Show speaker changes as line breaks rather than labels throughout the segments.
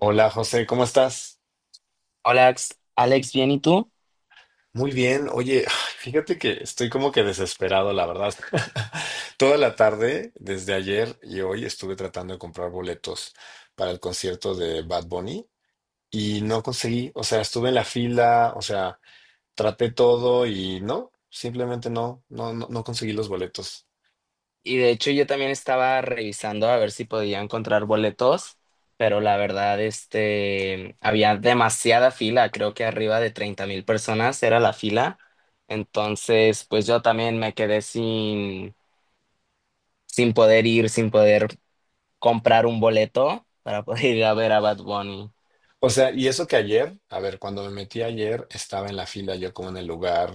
Hola José, ¿cómo estás?
Hola, Alex, ¿bien y tú?
Muy bien. Oye, fíjate que estoy como que desesperado, la verdad. Toda la tarde, desde ayer y hoy, estuve tratando de comprar boletos para el concierto de Bad Bunny y no conseguí. O sea, estuve en la fila, o sea, traté todo y no, simplemente no, no, no, no conseguí los boletos.
Y de hecho yo también estaba revisando a ver si podía encontrar boletos, pero la verdad, había demasiada fila, creo que arriba de 30,000 personas era la fila, entonces pues yo también me quedé sin poder ir, sin poder comprar un boleto para poder ir a ver a Bad Bunny.
O sea, y eso que ayer, a ver, cuando me metí ayer, estaba en la fila yo como en el lugar.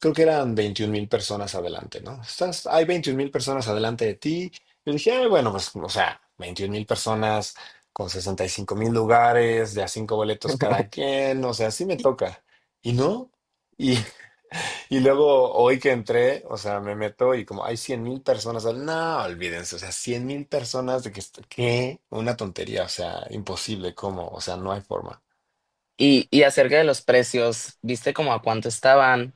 Creo que eran 21 mil personas adelante, ¿no? Estás, hay 21 mil personas adelante de ti. Yo dije, "Ay, bueno, pues, o sea, 21 mil personas con 65 mil lugares, de a cinco boletos cada quien, o sea, sí me toca". Y no. Y, y luego hoy que entré, o sea, me meto y como hay 100,000 personas, no, olvídense, o sea, 100,000 personas de ¿qué? Una tontería, o sea, imposible, ¿cómo? O sea, no hay forma.
Y acerca de los precios, ¿viste como a cuánto estaban?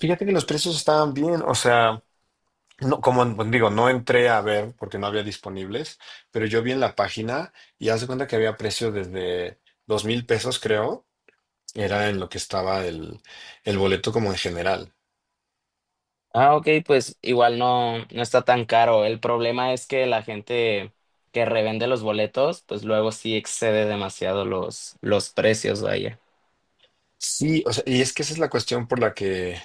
Fíjate que los precios estaban bien, o sea, no, como pues, digo, no entré a ver porque no había disponibles, pero yo vi en la página y hace cuenta que había precio desde $2,000, creo, era en lo que estaba el boleto como en general.
Ah, ok, pues igual no, no está tan caro. El problema es que la gente que revende los boletos, pues luego sí excede demasiado los precios, vaya.
Sí, o sea, y es que esa es la cuestión por la que...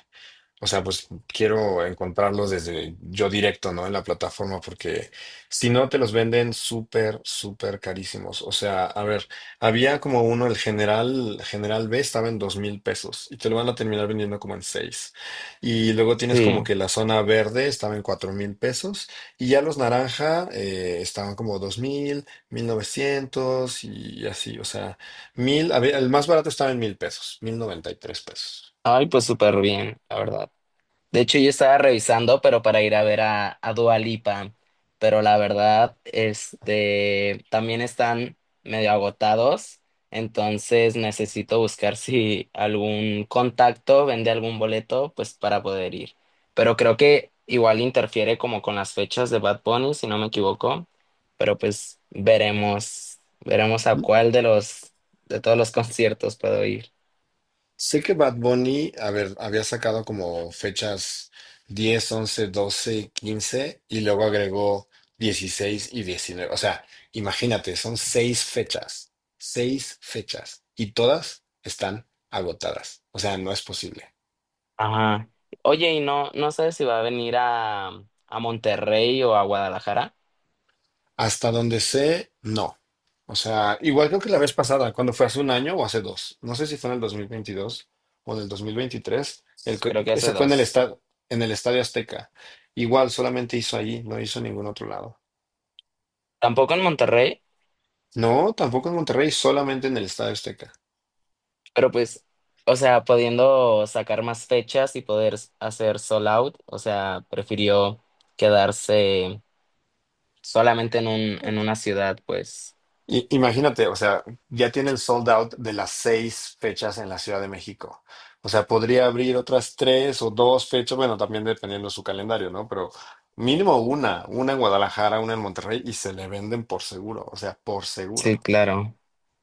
O sea, pues quiero encontrarlos desde yo directo, ¿no? En la plataforma, porque si no te los venden súper, súper carísimos. O sea, a ver, había como uno, el general, general B estaba en $2,000 y te lo van a terminar vendiendo como en seis. Y luego tienes como
Sí.
que la zona verde estaba en $4,000 y ya los naranja estaban como dos mil, mil novecientos y así. O sea, mil, a ver, el más barato estaba en $1,000, $1,093.
Ay, pues súper bien, la verdad. De hecho, yo estaba revisando, pero para ir a ver a Dua Lipa, pero la verdad, también están medio agotados, entonces necesito buscar si algún contacto vende algún boleto, pues para poder ir. Pero creo que igual interfiere como con las fechas de Bad Bunny, si no me equivoco, pero pues veremos, veremos a cuál de todos los conciertos puedo ir.
Sé que Bad Bunny, a ver, había sacado como fechas 10, 11, 12, 15 y luego agregó 16 y 19. O sea, imagínate, son seis fechas y todas están agotadas. O sea, no es posible.
Ajá. Oye, y no, no sé si va a venir a Monterrey o a Guadalajara.
Hasta donde sé, no. O sea, igual creo que la vez pasada, cuando fue hace un año o hace dos, no sé si fue en el 2022 o en el 2023,
Creo que hace
ese fue
dos.
en el Estadio Azteca. Igual solamente hizo allí, no hizo en ningún otro lado.
Tampoco en Monterrey,
No, tampoco en Monterrey, solamente en el Estadio Azteca.
pero pues, o sea, pudiendo sacar más fechas y poder hacer sold out, o sea, prefirió quedarse solamente en una ciudad, pues.
Imagínate, o sea, ya tiene el sold out de las seis fechas en la Ciudad de México. O sea, podría abrir otras tres o dos fechas, bueno, también dependiendo de su calendario, ¿no? Pero mínimo una en Guadalajara, una en Monterrey y se le venden por seguro, o sea, por
Sí,
seguro.
claro.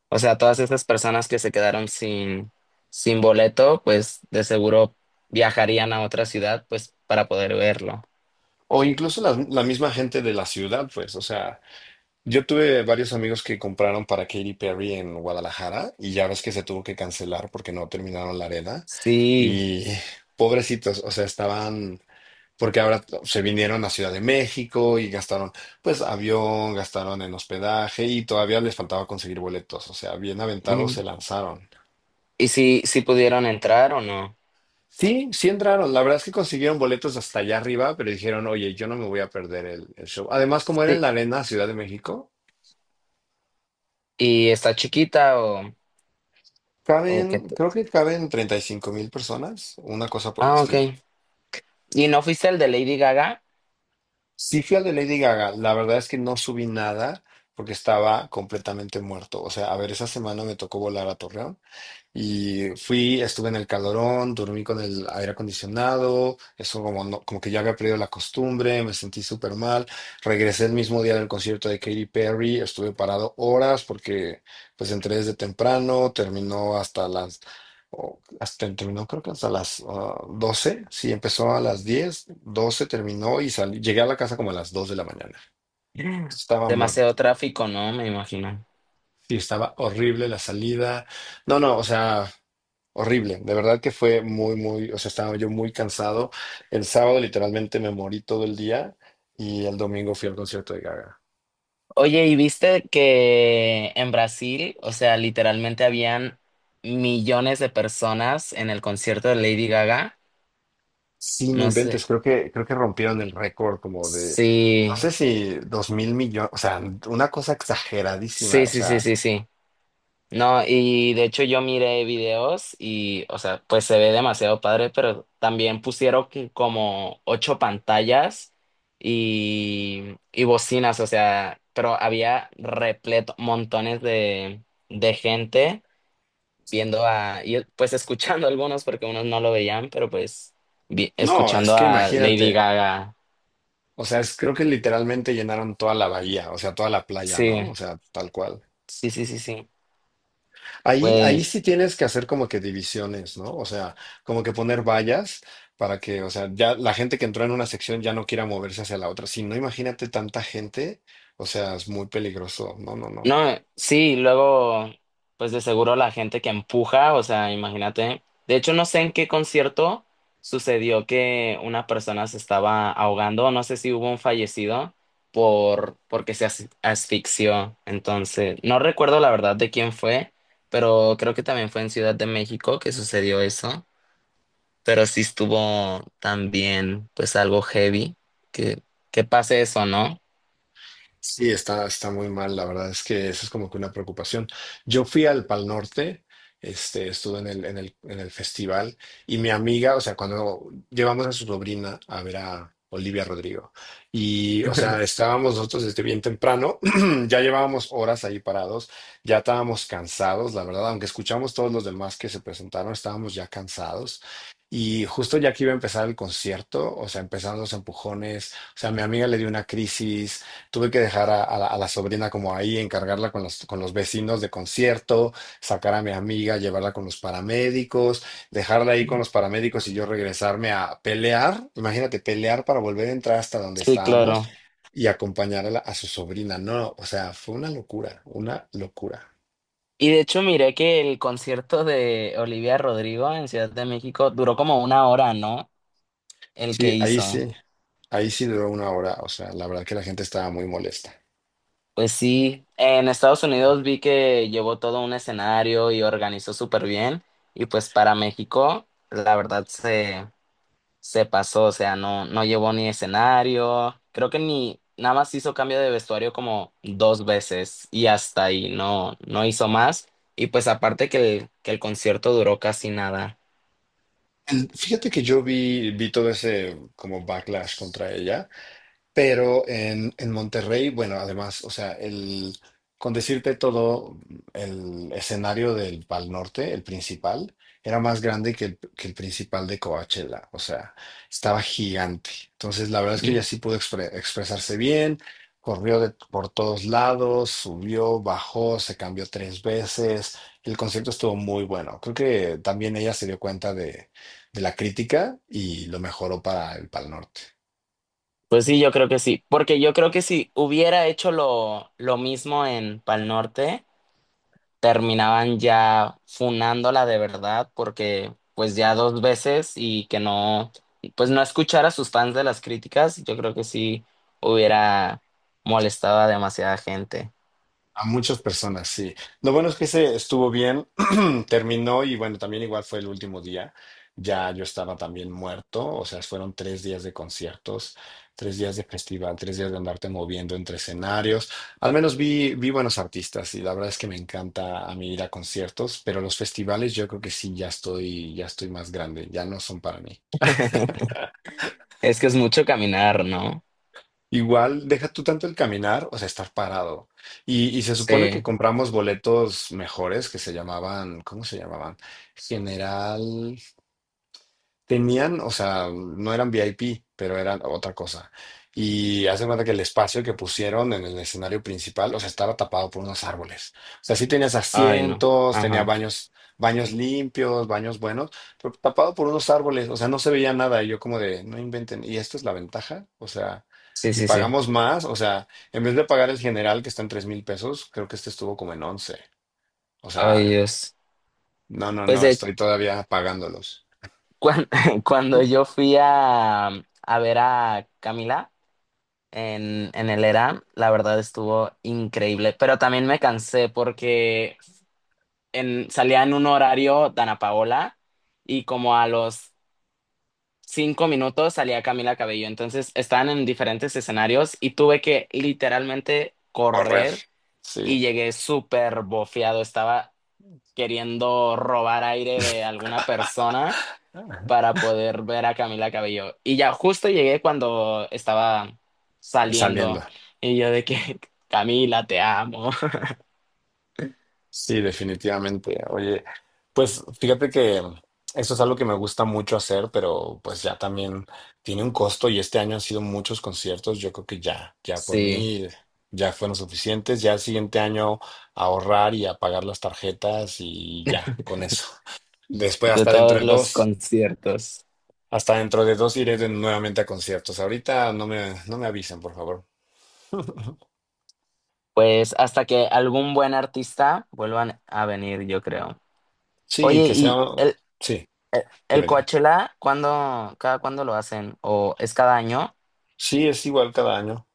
O sea, todas esas personas que se quedaron sin boleto, pues de seguro viajarían a otra ciudad, pues, para poder verlo.
O incluso la misma gente de la ciudad, pues, o sea, yo tuve varios amigos que compraron para Katy Perry en Guadalajara y ya ves que se tuvo que cancelar porque no terminaron la arena
Sí.
y pobrecitos, o sea, estaban... Porque ahora se vinieron a Ciudad de México y gastaron, pues, avión, gastaron en hospedaje y todavía les faltaba conseguir boletos. O sea, bien aventados se lanzaron.
¿Y si, si pudieron entrar o no?
Sí, sí entraron. La verdad es que consiguieron boletos hasta allá arriba, pero dijeron, oye, yo no me voy a perder el show. Además, como era en
Sí.
la arena Ciudad de México,
¿Y está chiquita o qué?
caben, creo que caben 35,000 personas, una cosa por el
Ah, ok.
estilo.
¿Y no fuiste el de Lady Gaga?
Sí fui al de Lady Gaga. La verdad es que no subí nada porque estaba completamente muerto. O sea, a ver, esa semana me tocó volar a Torreón. Y fui, estuve en el calorón, dormí con el aire acondicionado, eso como, como que ya había perdido la costumbre, me sentí súper mal. Regresé el mismo día del concierto de Katy Perry, estuve parado horas porque pues entré desde temprano, terminó hasta las, terminó creo que hasta las 12, sí, empezó a las diez, 12 terminó y salí, llegué a la casa como a las 2 de la mañana. Estaba muerto.
Demasiado tráfico, ¿no? Me imagino.
Sí, estaba horrible la salida. No, no, o sea, horrible. De verdad que fue muy, muy, o sea, estaba yo muy cansado. El sábado literalmente me morí todo el día y el domingo fui al concierto de Gaga.
Oye, ¿y viste que en Brasil, o sea, literalmente habían millones de personas en el concierto de Lady Gaga?
Sí, no
No sé.
inventes, creo que rompieron el récord como de, no
Sí,
sé si 2,000 millones, o sea, una cosa exageradísima,
sí,
o
sí, sí,
sea,
sí, sí. No, y de hecho yo miré videos y, o sea, pues se ve demasiado padre, pero también pusieron que como ocho pantallas y bocinas, o sea, pero había repleto, montones de gente viendo a, y pues escuchando algunos porque unos no lo veían, pero pues
no, es
escuchando
que
a Lady
imagínate,
Gaga.
o sea, es, creo que literalmente llenaron toda la bahía, o sea, toda la playa,
Sí,
¿no? O sea, tal cual.
sí, sí, sí, sí.
Ahí
Pues
sí tienes que hacer como que divisiones, ¿no? O sea, como que poner vallas para que, o sea, ya la gente que entró en una sección ya no quiera moverse hacia la otra. Si no, imagínate tanta gente, o sea, es muy peligroso. No, no, no.
no, sí, luego, pues de seguro la gente que empuja, o sea, imagínate. De hecho, no sé en qué concierto sucedió que una persona se estaba ahogando, no sé si hubo un fallecido porque se asfixió. Entonces, no recuerdo la verdad de quién fue, pero creo que también fue en Ciudad de México que sucedió eso. Pero sí estuvo también, pues algo heavy que que pase eso, ¿no?
Sí, está muy mal, la verdad es que eso es como que una preocupación. Yo fui al Pal Norte, estuve en el festival y mi amiga, o sea, cuando llevamos a su sobrina a ver a Olivia Rodrigo y, o sea, estábamos nosotros desde bien temprano, ya llevábamos horas ahí parados, ya estábamos cansados, la verdad, aunque escuchamos todos los demás que se presentaron, estábamos ya cansados. Y justo ya que iba a empezar el concierto, o sea, empezaron los empujones, o sea, mi amiga le dio una crisis. Tuve que dejar a la sobrina como ahí, encargarla con los vecinos de concierto, sacar a mi amiga, llevarla con los paramédicos, dejarla ahí con los paramédicos y yo regresarme a pelear. Imagínate, pelear para volver a entrar hasta donde
Sí,
estábamos
claro.
y acompañar a su sobrina. No, o sea, fue una locura, una locura.
Y de hecho miré que el concierto de Olivia Rodrigo en Ciudad de México duró como una hora, ¿no? El que
Sí, ahí
hizo.
sí, ahí sí duró una hora. O sea, la verdad que la gente estaba muy molesta.
Pues sí, en Estados Unidos vi que llevó todo un escenario y organizó súper bien. Y pues para México, la verdad se, se pasó, o sea, no, no llevó ni escenario. Creo que ni nada más hizo cambio de vestuario como dos veces y hasta ahí, no, no hizo más. Y pues aparte que el concierto duró casi nada.
Fíjate que yo vi todo ese como backlash contra ella. Pero en Monterrey, bueno, además, o sea, el, con decirte todo, el escenario del Pal Norte, el principal, era más grande que que el principal de Coachella, o sea, estaba gigante. Entonces, la verdad es que ella sí pudo expresarse bien, corrió por todos lados, subió, bajó, se cambió tres veces. El concierto estuvo muy bueno. Creo que también ella se dio cuenta de la crítica y lo mejoró para el Pal Norte.
Pues sí, yo creo que sí, porque yo creo que si hubiera hecho lo mismo en Pal Norte, terminaban ya funándola de verdad, porque pues ya dos veces y que no, pues no escuchar a sus fans de las críticas, yo creo que sí hubiera molestado a demasiada gente.
A muchas personas, sí. Lo bueno es que se estuvo bien, terminó y bueno, también igual fue el último día. Ya yo estaba también muerto, o sea, fueron tres días de conciertos, tres días de festival, tres días de andarte moviendo entre escenarios. Al menos vi buenos artistas y la verdad es que me encanta a mí ir a conciertos, pero los festivales yo creo que sí, ya estoy más grande, ya no son para mí.
Es que es mucho caminar, ¿no?
Igual, deja tú tanto el caminar, o sea, estar parado. Y se supone que
Sí.
compramos boletos mejores que se llamaban, ¿cómo se llamaban? General. Tenían, o sea, no eran VIP, pero eran otra cosa. Y hace cuenta que el espacio que pusieron en el escenario principal, o sea, estaba tapado por unos árboles. O sea, sí tenías
Ay, no.
asientos, tenía
Ajá.
baños, baños limpios, baños buenos, pero tapado por unos árboles. O sea, no se veía nada. Y yo como de, no inventen. ¿Y esta es la ventaja? O sea,
Sí,
y
sí, sí.
pagamos más. O sea, en vez de pagar el general que está en $3,000, creo que este estuvo como en once. O
Ay,
sea,
Dios.
no, no,
Pues
no, estoy todavía pagándolos.
cuan- cuando yo fui a ver a Camila, en el ERA, la verdad estuvo increíble, pero también me cansé porque salía en un horario Dana Paola y como a los 5 minutos salía Camila Cabello, entonces estaban en diferentes escenarios y tuve que literalmente
Correr.
correr
Sí.
y llegué súper bofeado, estaba queriendo robar aire de alguna persona para poder ver a Camila Cabello. Y ya justo llegué cuando estaba
Saliendo.
saliendo y yo de que Camila, te amo.
Sí, definitivamente. Oye, pues fíjate que eso es algo que me gusta mucho hacer, pero pues ya también tiene un costo y este año han sido muchos conciertos. Yo creo que ya por
Sí,
mí ya fueron suficientes. Ya el siguiente año ahorrar y apagar las tarjetas y ya, con eso. Después
de
hasta dentro
todos
de
los
dos,
conciertos.
hasta dentro de dos iré nuevamente a conciertos. Ahorita no me, no me avisen, por favor.
Pues hasta que algún buen artista vuelvan a venir, yo creo.
Sí,
Oye,
que sea,
¿y el,
sí,
el, el
dime, dime.
Coachella, cada cuándo lo hacen? ¿O es cada año?
Sí, es igual cada año.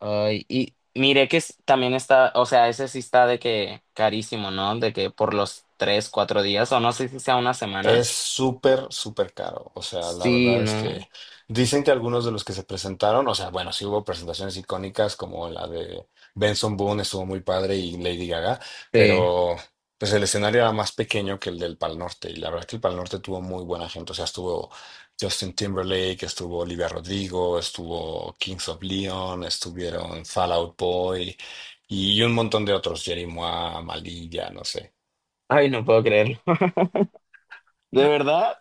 Ay, y mire que también está, o sea, ese sí está de que carísimo, ¿no? De que por los 3, 4 días, o no sé si sea una semana.
Es súper, súper caro. O sea, la
Sí,
verdad es que
no.
dicen que algunos de los que se presentaron, o sea, bueno, sí hubo presentaciones icónicas como la de Benson Boone, estuvo muy padre, y Lady Gaga,
Sí.
pero pues el escenario era más pequeño que el del Pal Norte. Y la verdad es que el Pal Norte tuvo muy buena gente. O sea, estuvo Justin Timberlake, estuvo Olivia Rodrigo, estuvo Kings of Leon, estuvieron Fall Out Boy y un montón de otros, Jerry Mois, Malilla, no sé.
Ay, no puedo creerlo. ¿De verdad?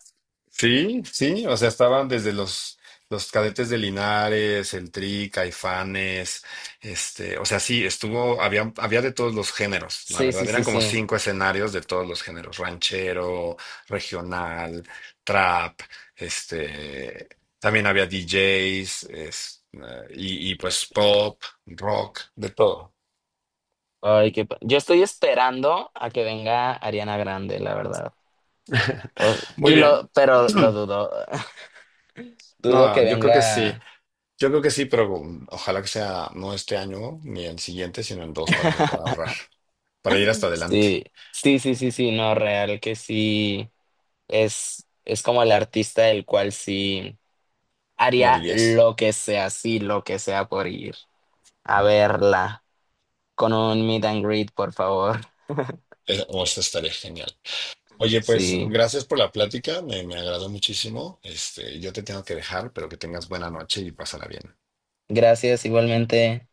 Sí, sí, o sea, estaban desde los cadetes de Linares, el TRI, Caifanes, o sea, sí, estuvo, había de todos los géneros, la
Sí, sí,
verdad,
sí,
eran como
sí.
cinco escenarios de todos los géneros, ranchero, regional, trap, este, también había DJs, y pues pop, rock, de todo.
Ay, yo estoy esperando a que venga Ariana Grande, la verdad.
Muy bien.
Pero lo dudo. Dudo que
No, yo creo que sí.
venga.
Yo creo que sí, pero ojalá que sea no este año ni el siguiente, sino en dos para que pueda ahorrar, para ir hasta adelante.
Sí, sí, sí, sí, sí, no, real que sí. Es como el artista el cual sí haría
Morirías.
lo que sea, sí, lo que sea por ir a verla con un meet and greet, por favor.
O eso estaría genial. Oye, pues
Sí,
gracias por la plática, me agradó muchísimo. Yo te tengo que dejar, pero que tengas buena noche y pásala bien.
gracias igualmente.